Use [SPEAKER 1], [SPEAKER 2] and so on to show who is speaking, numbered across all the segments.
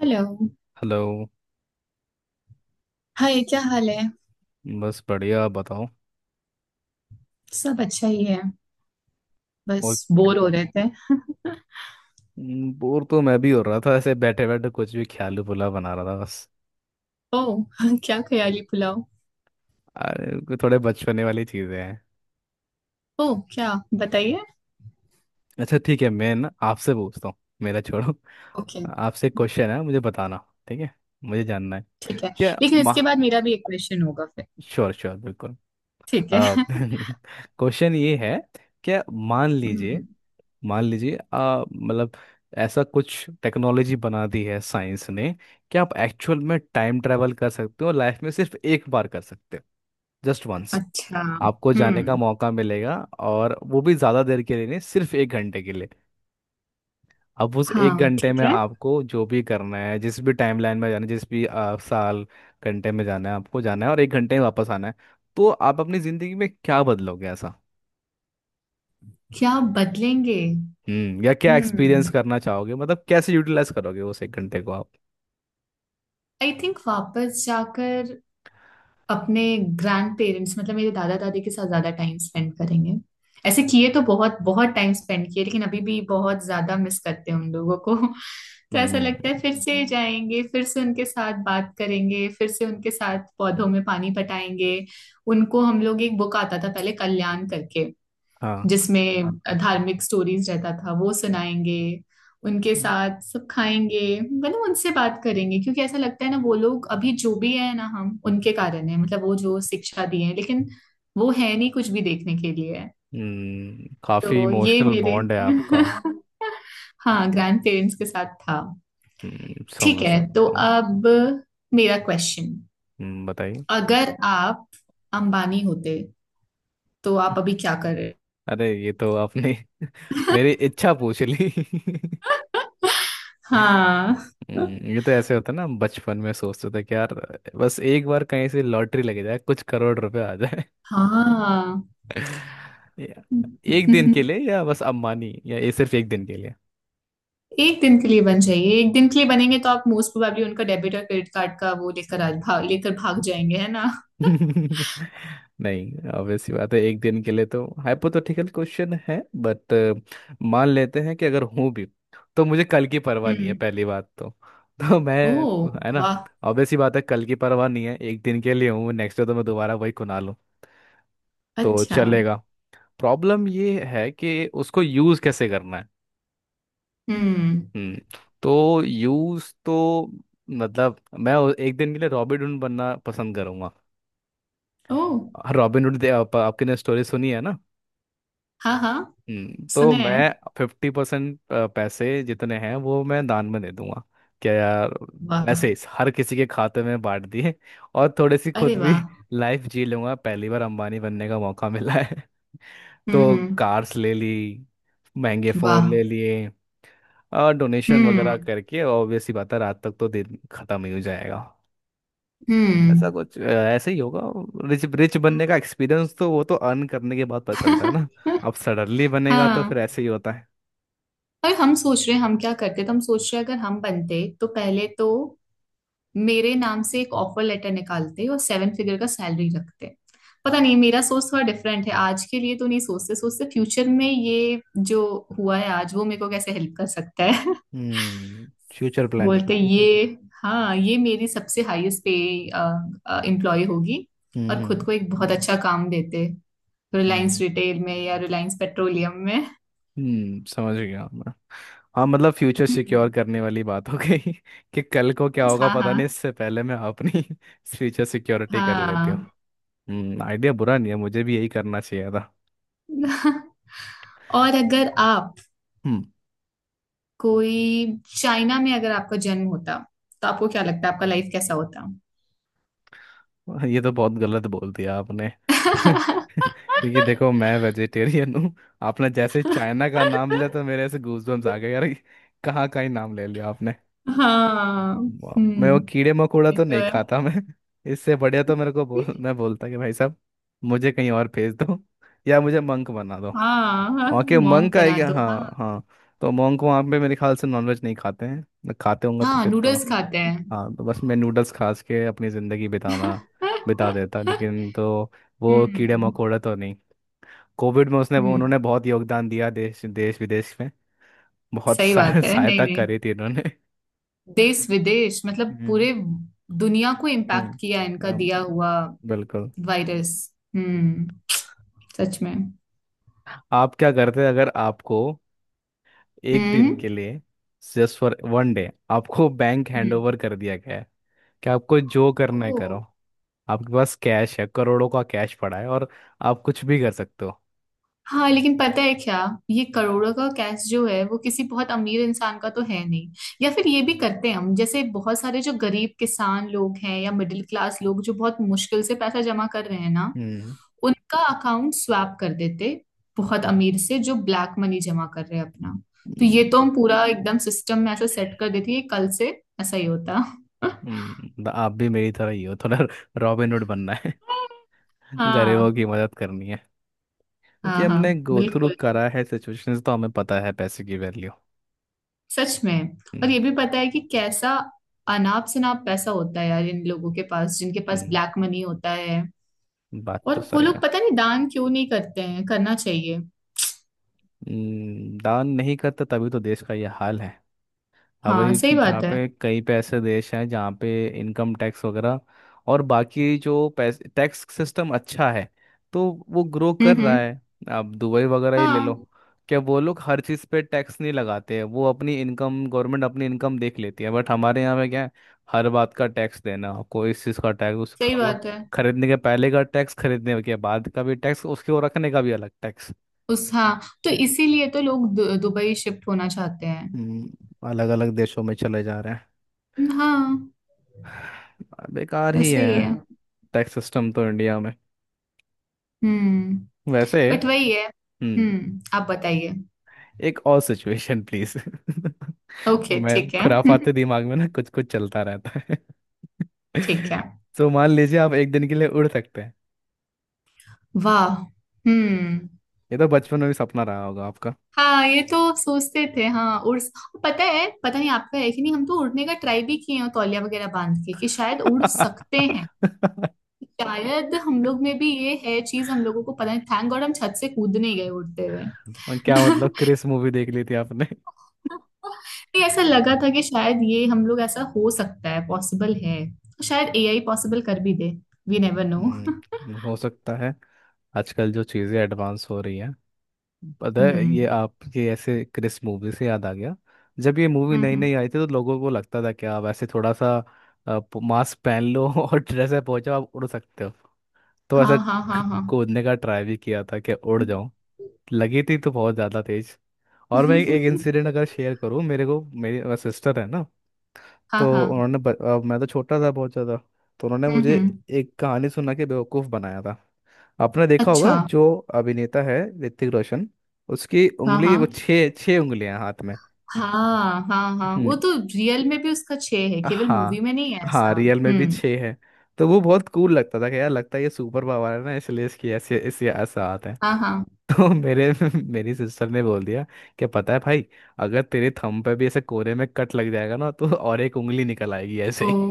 [SPEAKER 1] Hello.
[SPEAKER 2] Hello.
[SPEAKER 1] Hi, क्या हाल है?
[SPEAKER 2] बस बढ़िया, आप बताओ।
[SPEAKER 1] सब अच्छा ही है,
[SPEAKER 2] और
[SPEAKER 1] बस
[SPEAKER 2] क्या
[SPEAKER 1] बोर हो
[SPEAKER 2] कर
[SPEAKER 1] रहे थे।
[SPEAKER 2] रहे। बोर तो मैं भी हो रहा था, ऐसे बैठे बैठे कुछ भी ख्याल पुला बना रहा था बस।
[SPEAKER 1] ओह क्या ख्याली पुलाव?
[SPEAKER 2] अरे कोई थोड़े बचपने वाली चीज़ें हैं।
[SPEAKER 1] ओह, क्या? बताइए।
[SPEAKER 2] अच्छा ठीक है, मैं ना आपसे पूछता हूँ। मेरा छोड़ो।
[SPEAKER 1] ओके,
[SPEAKER 2] आपसे क्वेश्चन है, मुझे बताना। ठीक है। मुझे जानना है
[SPEAKER 1] ठीक है।
[SPEAKER 2] क्या।
[SPEAKER 1] लेकिन
[SPEAKER 2] माँ।
[SPEAKER 1] इसके बाद मेरा भी एक क्वेश्चन होगा फिर।
[SPEAKER 2] श्योर श्योर बिल्कुल।
[SPEAKER 1] ठीक है
[SPEAKER 2] क्वेश्चन ये है क्या। मान लीजिए
[SPEAKER 1] हम्म।
[SPEAKER 2] मान लीजिए आ मतलब ऐसा कुछ टेक्नोलॉजी बना दी है साइंस ने कि आप एक्चुअल में टाइम ट्रैवल कर सकते हो। लाइफ में सिर्फ एक बार कर सकते हो। Just once.
[SPEAKER 1] अच्छा,
[SPEAKER 2] आपको जाने का
[SPEAKER 1] हम्म।
[SPEAKER 2] मौका मिलेगा, और वो भी ज़्यादा देर के लिए नहीं, सिर्फ एक घंटे के लिए। अब उस एक
[SPEAKER 1] हाँ,
[SPEAKER 2] घंटे
[SPEAKER 1] ठीक
[SPEAKER 2] में
[SPEAKER 1] है।
[SPEAKER 2] आपको जो भी करना है, जिस भी टाइमलाइन में जाना है, जिस भी साल घंटे में जाना है, आपको जाना है और एक घंटे में वापस आना है। तो आप अपनी ज़िंदगी में क्या बदलोगे ऐसा।
[SPEAKER 1] क्या बदलेंगे?
[SPEAKER 2] या क्या एक्सपीरियंस
[SPEAKER 1] हम्म
[SPEAKER 2] करना चाहोगे, मतलब कैसे यूटिलाइज करोगे उस एक घंटे को।
[SPEAKER 1] आई थिंक वापस जाकर अपने ग्रैंड पेरेंट्स, मतलब मेरे दादा दादी के साथ ज्यादा टाइम स्पेंड करेंगे। ऐसे किए तो बहुत बहुत टाइम स्पेंड किए, लेकिन अभी भी बहुत ज्यादा मिस करते हैं उन लोगों को तो ऐसा
[SPEAKER 2] हम्म।
[SPEAKER 1] लगता है, फिर से जाएंगे, फिर से उनके साथ बात करेंगे, फिर से उनके साथ पौधों में पानी पटाएंगे। उनको, हम लोग एक बुक आता था पहले, कल्याण करके,
[SPEAKER 2] हाँ।
[SPEAKER 1] जिसमें हाँ धार्मिक स्टोरीज रहता था, वो सुनाएंगे। उनके साथ सब खाएंगे, मतलब उनसे बात करेंगे। क्योंकि ऐसा लगता है ना, वो लोग अभी जो भी है ना, हम उनके कारण है, मतलब वो जो शिक्षा दी है। लेकिन वो है नहीं कुछ भी देखने के लिए।
[SPEAKER 2] काफी
[SPEAKER 1] तो ये
[SPEAKER 2] इमोशनल
[SPEAKER 1] मेरे
[SPEAKER 2] बॉन्ड है आपका।
[SPEAKER 1] हाँ ग्रैंड पेरेंट्स के साथ था। ठीक
[SPEAKER 2] समझ
[SPEAKER 1] है, तो
[SPEAKER 2] सकता हूँ।
[SPEAKER 1] अब मेरा क्वेश्चन।
[SPEAKER 2] बताइए।
[SPEAKER 1] अगर आप अंबानी होते तो आप अभी क्या कर रहे?
[SPEAKER 2] अरे ये तो आपने मेरी इच्छा पूछ ली।
[SPEAKER 1] हाँ।
[SPEAKER 2] ये तो ऐसे होता है ना, बचपन में सोचते थे कि यार बस एक बार कहीं से लॉटरी लग जाए, कुछ करोड़ रुपए आ जाए।
[SPEAKER 1] हाँ
[SPEAKER 2] या एक दिन के लिए, या बस अम्बानी, या ये सिर्फ एक दिन के
[SPEAKER 1] एक दिन के लिए बन जाइए, एक दिन के लिए बनेंगे तो आप मोस्ट प्रोबेबली उनका डेबिट और क्रेडिट कार्ड का वो लेकर, आज भाग लेकर भाग जाएंगे, है ना।
[SPEAKER 2] लिए। नहीं, ऑब्वियस सी बात है, एक दिन के लिए तो हाइपोथेटिकल क्वेश्चन है। बट मान लेते हैं कि अगर हूं भी, तो मुझे कल की परवाह नहीं है
[SPEAKER 1] हम्म।
[SPEAKER 2] पहली बात तो। तो मैं,
[SPEAKER 1] ओ,
[SPEAKER 2] है ना,
[SPEAKER 1] वाह।
[SPEAKER 2] ऑब्वियस सी बात है, कल की परवाह नहीं है, एक दिन के लिए हूँ, नेक्स्ट डे तो मैं दोबारा वही खुना लूँ। तो
[SPEAKER 1] अच्छा।
[SPEAKER 2] चलेगा। प्रॉब्लम ये है कि उसको यूज़ कैसे करना है।
[SPEAKER 1] हम्म।
[SPEAKER 2] हम्म। तो यूज़ तो, मतलब मैं एक दिन के लिए रॉबिन हुड बनना पसंद करूंगा।
[SPEAKER 1] ओ।
[SPEAKER 2] Robin Hood. आपने स्टोरी सुनी है ना।
[SPEAKER 1] हाँ हाँ,
[SPEAKER 2] तो
[SPEAKER 1] सुने
[SPEAKER 2] मैं
[SPEAKER 1] हैं।
[SPEAKER 2] 50% पैसे जितने हैं वो मैं दान में दे दूंगा। क्या यार। ऐसे ही
[SPEAKER 1] वाह।
[SPEAKER 2] हर किसी के खाते में बांट दिए, और थोड़ी सी खुद
[SPEAKER 1] अरे
[SPEAKER 2] भी
[SPEAKER 1] वाह।
[SPEAKER 2] लाइफ जी लूंगा। पहली बार अंबानी बनने का मौका मिला है।
[SPEAKER 1] हम्म,
[SPEAKER 2] तो
[SPEAKER 1] हम्म।
[SPEAKER 2] कार्स ले ली, महंगे फोन
[SPEAKER 1] वाह।
[SPEAKER 2] ले लिए, और डोनेशन वगैरह
[SPEAKER 1] हम्म
[SPEAKER 2] करके। ऑब्वियस ही बात है रात तक तो दिन खत्म ही हो जाएगा। ऐसे ही होगा। रिच रिच बनने का एक्सपीरियंस तो, वो तो अर्न करने के बाद पता चलता है ना।
[SPEAKER 1] हम्म
[SPEAKER 2] अब सडनली बनेगा तो फिर
[SPEAKER 1] हाँ।
[SPEAKER 2] ऐसे ही होता है।
[SPEAKER 1] पर हम सोच रहे हैं हम क्या करते, तो हम सोच रहे हैं, अगर हम बनते तो पहले तो मेरे नाम से एक ऑफर लेटर निकालते और सेवन फिगर का सैलरी रखते। पता नहीं मेरा सोच थोड़ा डिफरेंट है, आज के लिए तो नहीं सोचते, सोचते फ्यूचर में। ये जो हुआ है आज, वो मेरे को कैसे हेल्प कर सकता है।
[SPEAKER 2] हम्म फ्यूचर प्लानिंग।
[SPEAKER 1] बोलते ये, हाँ, ये मेरी सबसे हाईएस्ट पे एम्प्लॉय होगी।
[SPEAKER 2] हम्म,
[SPEAKER 1] और खुद
[SPEAKER 2] हम्म।
[SPEAKER 1] को एक बहुत अच्छा काम देते, रिलायंस
[SPEAKER 2] हम्म
[SPEAKER 1] रिटेल में या रिलायंस पेट्रोलियम में।
[SPEAKER 2] समझ गया मैं। हाँ मतलब फ्यूचर सिक्योर
[SPEAKER 1] हम्म,
[SPEAKER 2] करने वाली बात हो गई कि कल को क्या होगा
[SPEAKER 1] हाँ
[SPEAKER 2] पता नहीं,
[SPEAKER 1] हाँ
[SPEAKER 2] इससे पहले मैं अपनी फ्यूचर सिक्योरिटी कर लेती हूँ।
[SPEAKER 1] हाँ
[SPEAKER 2] आइडिया बुरा नहीं है, मुझे भी यही करना चाहिए था।
[SPEAKER 1] और अगर आप
[SPEAKER 2] हम्म
[SPEAKER 1] कोई, चाइना में अगर आपका जन्म होता तो आपको क्या लगता है आपका लाइफ कैसा होता?
[SPEAKER 2] ये तो बहुत गलत बोल दिया आपने। क्यों? क्योंकि देखो मैं वेजिटेरियन हूँ। आपने जैसे चाइना का नाम लिया तो मेरे ऐसे गूजबम्स आ गए यार। कहाँ का ही नाम ले लिया आपने।
[SPEAKER 1] हाँ।
[SPEAKER 2] वाह, मैं
[SPEAKER 1] हम्म,
[SPEAKER 2] वो कीड़े मकोड़ा
[SPEAKER 1] ये
[SPEAKER 2] तो
[SPEAKER 1] तो
[SPEAKER 2] नहीं
[SPEAKER 1] है।
[SPEAKER 2] खाता मैं। इससे बढ़िया तो मेरे को बोल, मैं बोलता कि भाई साहब मुझे कहीं और भेज दो, या मुझे मंक बना दो।
[SPEAKER 1] हाँ हाँ,
[SPEAKER 2] वहाँ के
[SPEAKER 1] मोंग
[SPEAKER 2] मंक
[SPEAKER 1] बना
[SPEAKER 2] आएगा,
[SPEAKER 1] दो, हाँ।
[SPEAKER 2] हाँ हाँ। तो मंक वहाँ पे मेरे ख्याल से नॉनवेज नहीं खाते हैं। मैं खाते होंगे तो
[SPEAKER 1] हाँ,
[SPEAKER 2] फिर तो,
[SPEAKER 1] नूडल्स खाते हैं।
[SPEAKER 2] हाँ, तो बस मैं नूडल्स खा के अपनी ज़िंदगी बिताना, बिता देता। लेकिन तो वो कीड़े
[SPEAKER 1] हम्म
[SPEAKER 2] मकोड़े तो नहीं। कोविड में उसने
[SPEAKER 1] हम्म।
[SPEAKER 2] उन्होंने बहुत योगदान दिया देश देश विदेश में। बहुत
[SPEAKER 1] सही बात है, नहीं
[SPEAKER 2] सहायता
[SPEAKER 1] नहीं।
[SPEAKER 2] करी थी इन्होंने।
[SPEAKER 1] देश विदेश मतलब
[SPEAKER 2] हम्म,
[SPEAKER 1] पूरे दुनिया को इम्पैक्ट
[SPEAKER 2] हम्म।
[SPEAKER 1] किया इनका
[SPEAKER 2] अम,
[SPEAKER 1] दिया हुआ
[SPEAKER 2] बिल्कुल।
[SPEAKER 1] वायरस। हम्म, सच में।
[SPEAKER 2] आप क्या करते अगर आपको एक दिन
[SPEAKER 1] हम्म।
[SPEAKER 2] के लिए, जस्ट फॉर वन डे, आपको बैंक
[SPEAKER 1] हम्म।
[SPEAKER 2] हैंडओवर कर दिया गया है कि आपको जो करना है
[SPEAKER 1] ओह।
[SPEAKER 2] करो। आपके पास कैश है, करोड़ों का कैश पड़ा है, और आप कुछ भी कर सकते हो।
[SPEAKER 1] हाँ, लेकिन पता है क्या, ये करोड़ों का कैश जो है वो किसी बहुत अमीर इंसान का तो है नहीं। या फिर ये भी करते हैं, हम जैसे बहुत सारे जो गरीब किसान लोग हैं या मिडिल क्लास लोग जो बहुत मुश्किल से पैसा जमा कर रहे हैं ना,
[SPEAKER 2] हम्म,
[SPEAKER 1] उनका अकाउंट स्वैप कर देते बहुत अमीर से जो ब्लैक मनी जमा कर रहे हैं अपना। तो ये
[SPEAKER 2] हम्म,
[SPEAKER 1] तो हम पूरा एकदम सिस्टम में ऐसा सेट कर देते हैं कि कल से ऐसा ही होता
[SPEAKER 2] हम्म। तो आप भी मेरी तरह ही हो थोड़ा। रॉबिनहुड बनना है, गरीबों
[SPEAKER 1] हाँ
[SPEAKER 2] की मदद करनी है। क्योंकि
[SPEAKER 1] हाँ, हाँ
[SPEAKER 2] हमने गो थ्रू
[SPEAKER 1] बिल्कुल,
[SPEAKER 2] करा है सिचुएशंस, तो हमें पता है पैसे की वैल्यू।
[SPEAKER 1] सच में। और
[SPEAKER 2] हम्म,
[SPEAKER 1] ये भी पता है कि कैसा अनाप शनाप पैसा होता है यार इन लोगों के पास, जिनके पास
[SPEAKER 2] हम्म,
[SPEAKER 1] ब्लैक मनी होता है।
[SPEAKER 2] बात तो
[SPEAKER 1] और वो
[SPEAKER 2] सही
[SPEAKER 1] लोग
[SPEAKER 2] है।
[SPEAKER 1] पता नहीं दान क्यों नहीं करते हैं, करना चाहिए।
[SPEAKER 2] दान नहीं करता तभी तो देश का ये हाल है। अब
[SPEAKER 1] हाँ,
[SPEAKER 2] एक
[SPEAKER 1] सही
[SPEAKER 2] जहाँ
[SPEAKER 1] बात है।
[SPEAKER 2] पे, कई पे ऐसे देश हैं जहाँ पे इनकम टैक्स वगैरह और बाकी जो पैसे, टैक्स सिस्टम अच्छा है, तो वो ग्रो
[SPEAKER 1] हम्म।
[SPEAKER 2] कर रहा
[SPEAKER 1] हम्म।
[SPEAKER 2] है। आप दुबई वगैरह ही ले लो।
[SPEAKER 1] हाँ
[SPEAKER 2] क्या वो लोग हर चीज़ पे टैक्स नहीं लगाते हैं। वो अपनी इनकम, गवर्नमेंट अपनी इनकम देख लेती है, बट हमारे यहाँ पे क्या है, हर बात का टैक्स देना। कोई इस चीज़ का टैक्स, उस
[SPEAKER 1] सही
[SPEAKER 2] मतलब
[SPEAKER 1] बात है।
[SPEAKER 2] खरीदने के पहले का टैक्स, खरीदने के बाद का भी टैक्स, उसके वो रखने का भी अलग टैक्स।
[SPEAKER 1] उस, हाँ, तो इसीलिए तो लोग दुबई शिफ्ट होना चाहते हैं।
[SPEAKER 2] अलग अलग देशों में चले जा रहे हैं।
[SPEAKER 1] हाँ,
[SPEAKER 2] बेकार ही
[SPEAKER 1] ऐसा
[SPEAKER 2] है
[SPEAKER 1] ही है।
[SPEAKER 2] टैक्स सिस्टम तो इंडिया में
[SPEAKER 1] हम्म,
[SPEAKER 2] वैसे।
[SPEAKER 1] बट वही है।
[SPEAKER 2] हम्म
[SPEAKER 1] हम्म, आप बताइए।
[SPEAKER 2] एक और सिचुएशन प्लीज।
[SPEAKER 1] ओके,
[SPEAKER 2] मैं,
[SPEAKER 1] ठीक है
[SPEAKER 2] खुराफाते दिमाग में ना कुछ कुछ चलता रहता है।
[SPEAKER 1] ठीक है।
[SPEAKER 2] तो मान लीजिए आप एक दिन के लिए उड़ सकते हैं।
[SPEAKER 1] वाह। हम्म।
[SPEAKER 2] ये तो बचपन में भी सपना रहा होगा आपका।
[SPEAKER 1] हाँ, ये तो सोचते थे, हाँ, उड़, पता है, पता नहीं आपका है कि नहीं, हम तो उड़ने का ट्राई भी किए हैं तौलिया वगैरह बांध के, कि शायद उड़ सकते हैं। शायद हम लोग में भी ये है चीज, हम लोगों को पता नहीं, थैंक गॉड हम छत से कूद नहीं गए उड़ते हुए।
[SPEAKER 2] और क्या, मतलब क्रिस मूवी देख ली थी आपने।
[SPEAKER 1] नहीं, ऐसा लगा था कि शायद ये हम लोग, ऐसा हो सकता है, पॉसिबल है। शायद एआई पॉसिबल कर भी दे। वी नेवर नो
[SPEAKER 2] हो सकता है, आजकल जो चीज़ें एडवांस हो रही हैं। पता है, ये
[SPEAKER 1] हम्म
[SPEAKER 2] आपके ऐसे क्रिस मूवी से याद आ गया। जब ये मूवी नई
[SPEAKER 1] हम्म।
[SPEAKER 2] नई आई थी तो लोगों को लगता था कि आप ऐसे थोड़ा सा मास्क पहन लो और ड्रेस में पहुंचो, आप उड़ सकते हो। तो
[SPEAKER 1] हाँ
[SPEAKER 2] ऐसा
[SPEAKER 1] हाँ हाँ हाँ
[SPEAKER 2] कूदने का ट्राई भी किया था कि उड़ जाऊं। लगी थी तो बहुत ज़्यादा तेज। और मैं एक इंसिडेंट अगर शेयर करूं, मेरे को, मेरी सिस्टर है ना,
[SPEAKER 1] हाँ
[SPEAKER 2] तो
[SPEAKER 1] हाँ।
[SPEAKER 2] उन्होंने अब मैं तो छोटा था बहुत ज़्यादा, तो उन्होंने मुझे
[SPEAKER 1] हम्म।
[SPEAKER 2] एक कहानी सुना के बेवकूफ़ बनाया था। आपने देखा
[SPEAKER 1] अच्छा।
[SPEAKER 2] होगा जो अभिनेता है, ऋतिक रोशन, उसकी
[SPEAKER 1] हाँ
[SPEAKER 2] उंगली, वो
[SPEAKER 1] हाँ
[SPEAKER 2] छः छः उंगलियां हाथ में।
[SPEAKER 1] हाँ हाँ, हाँ
[SPEAKER 2] हम्म,
[SPEAKER 1] वो तो रियल में भी उसका छह है, केवल मूवी
[SPEAKER 2] हाँ
[SPEAKER 1] में नहीं है
[SPEAKER 2] हाँ,
[SPEAKER 1] ऐसा।
[SPEAKER 2] रियल में भी
[SPEAKER 1] हम्म।
[SPEAKER 2] छः है। तो वो बहुत कूल लगता था कि यार, लगता है ये सुपर पावर है ना इसलिए इसकी ऐसे ऐसे ऐसा आता है।
[SPEAKER 1] हाँ हाँ।
[SPEAKER 2] तो मेरे मेरी सिस्टर ने बोल दिया कि पता है भाई, अगर तेरे थंब पे भी ऐसे कोने में कट लग जाएगा ना, तो और एक उंगली निकल आएगी ऐसे
[SPEAKER 1] ओ,
[SPEAKER 2] ही।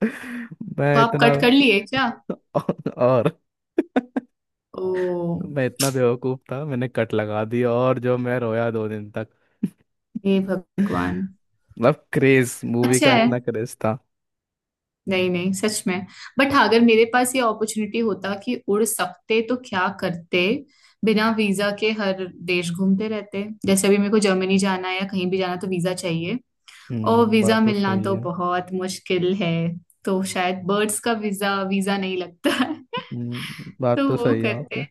[SPEAKER 1] तो
[SPEAKER 2] मैं
[SPEAKER 1] आप
[SPEAKER 2] इतना
[SPEAKER 1] कट कर लिए क्या?
[SPEAKER 2] और
[SPEAKER 1] ओ,
[SPEAKER 2] मैं इतना बेवकूफ था, मैंने कट लगा दिया, और जो मैं रोया 2 दिन तक।
[SPEAKER 1] हे भगवान।
[SPEAKER 2] मतलब क्रेज मूवी
[SPEAKER 1] अच्छा
[SPEAKER 2] का
[SPEAKER 1] है।
[SPEAKER 2] इतना क्रेज था।
[SPEAKER 1] नहीं नहीं, सच में। बट हाँ, अगर मेरे पास ये अपॉर्चुनिटी होता कि उड़ सकते तो क्या करते। बिना वीजा के हर देश घूमते रहते, जैसे अभी मेरे को जर्मनी जाना है या कहीं भी जाना तो वीजा चाहिए। और
[SPEAKER 2] बात
[SPEAKER 1] वीजा
[SPEAKER 2] तो
[SPEAKER 1] मिलना
[SPEAKER 2] सही
[SPEAKER 1] तो
[SPEAKER 2] है।
[SPEAKER 1] बहुत मुश्किल है। तो शायद बर्ड्स का वीजा वीजा नहीं लगता है।
[SPEAKER 2] बात
[SPEAKER 1] तो
[SPEAKER 2] तो
[SPEAKER 1] वो
[SPEAKER 2] सही है
[SPEAKER 1] करते
[SPEAKER 2] आपके।
[SPEAKER 1] हैं।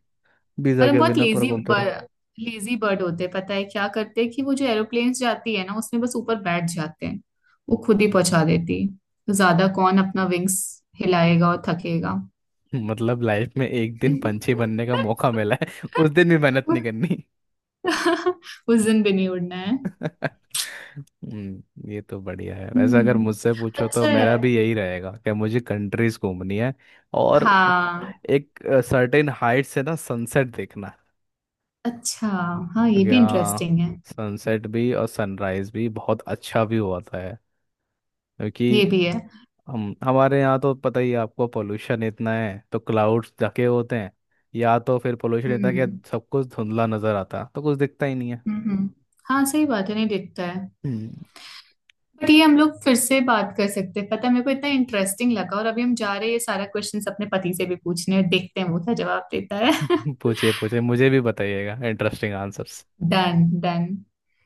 [SPEAKER 2] वीजा
[SPEAKER 1] और हम
[SPEAKER 2] के
[SPEAKER 1] बहुत
[SPEAKER 2] बिना पर
[SPEAKER 1] लेजी,
[SPEAKER 2] घूमते रहो।
[SPEAKER 1] हाँ, लेजी बर्ड होते हैं, पता है क्या करते हैं कि वो जो एरोप्लेन जाती है ना, उसमें बस ऊपर बैठ जाते हैं, वो खुद ही पहुंचा देती है। तो ज्यादा कौन अपना विंग्स हिलाएगा और थकेगा।
[SPEAKER 2] मतलब लाइफ में एक दिन पंछी बनने का मौका मिला है, उस दिन भी मेहनत नहीं करनी।
[SPEAKER 1] उस दिन भी नहीं उड़ना है।
[SPEAKER 2] ये तो बढ़िया है। वैसे अगर मुझसे
[SPEAKER 1] हम्म,
[SPEAKER 2] पूछो तो
[SPEAKER 1] अच्छा
[SPEAKER 2] मेरा
[SPEAKER 1] है।
[SPEAKER 2] भी यही रहेगा कि मुझे कंट्रीज घूमनी है और
[SPEAKER 1] हाँ,
[SPEAKER 2] एक सर्टेन हाइट से ना सनसेट देखना।
[SPEAKER 1] अच्छा, हाँ ये
[SPEAKER 2] क्योंकि
[SPEAKER 1] भी
[SPEAKER 2] हाँ,
[SPEAKER 1] इंटरेस्टिंग है।
[SPEAKER 2] सनसेट भी और सनराइज भी बहुत अच्छा व्यू होता है।
[SPEAKER 1] ये
[SPEAKER 2] क्योंकि
[SPEAKER 1] भी है।
[SPEAKER 2] हम हमारे यहाँ तो पता ही है आपको, पोल्यूशन इतना है तो क्लाउड्स ढके होते हैं। या तो फिर पोल्यूशन इतना
[SPEAKER 1] हम्म,
[SPEAKER 2] कि सब कुछ धुंधला नजर आता, तो कुछ दिखता ही नहीं है।
[SPEAKER 1] हम्म। हम्म। हाँ सही बात है, नहीं दिखता है।
[SPEAKER 2] हम्म।
[SPEAKER 1] बट ये हम लोग फिर से बात कर सकते हैं, पता है, मेरे को इतना इंटरेस्टिंग लगा और अभी हम जा रहे हैं ये सारा क्वेश्चंस अपने पति से भी पूछने, और देखते हैं वो क्या जवाब देता है
[SPEAKER 2] पूछिए पूछिए, मुझे भी बताइएगा interesting answers.
[SPEAKER 1] Done done.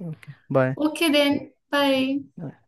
[SPEAKER 2] Okay bye.
[SPEAKER 1] Okay then, bye.
[SPEAKER 2] Nice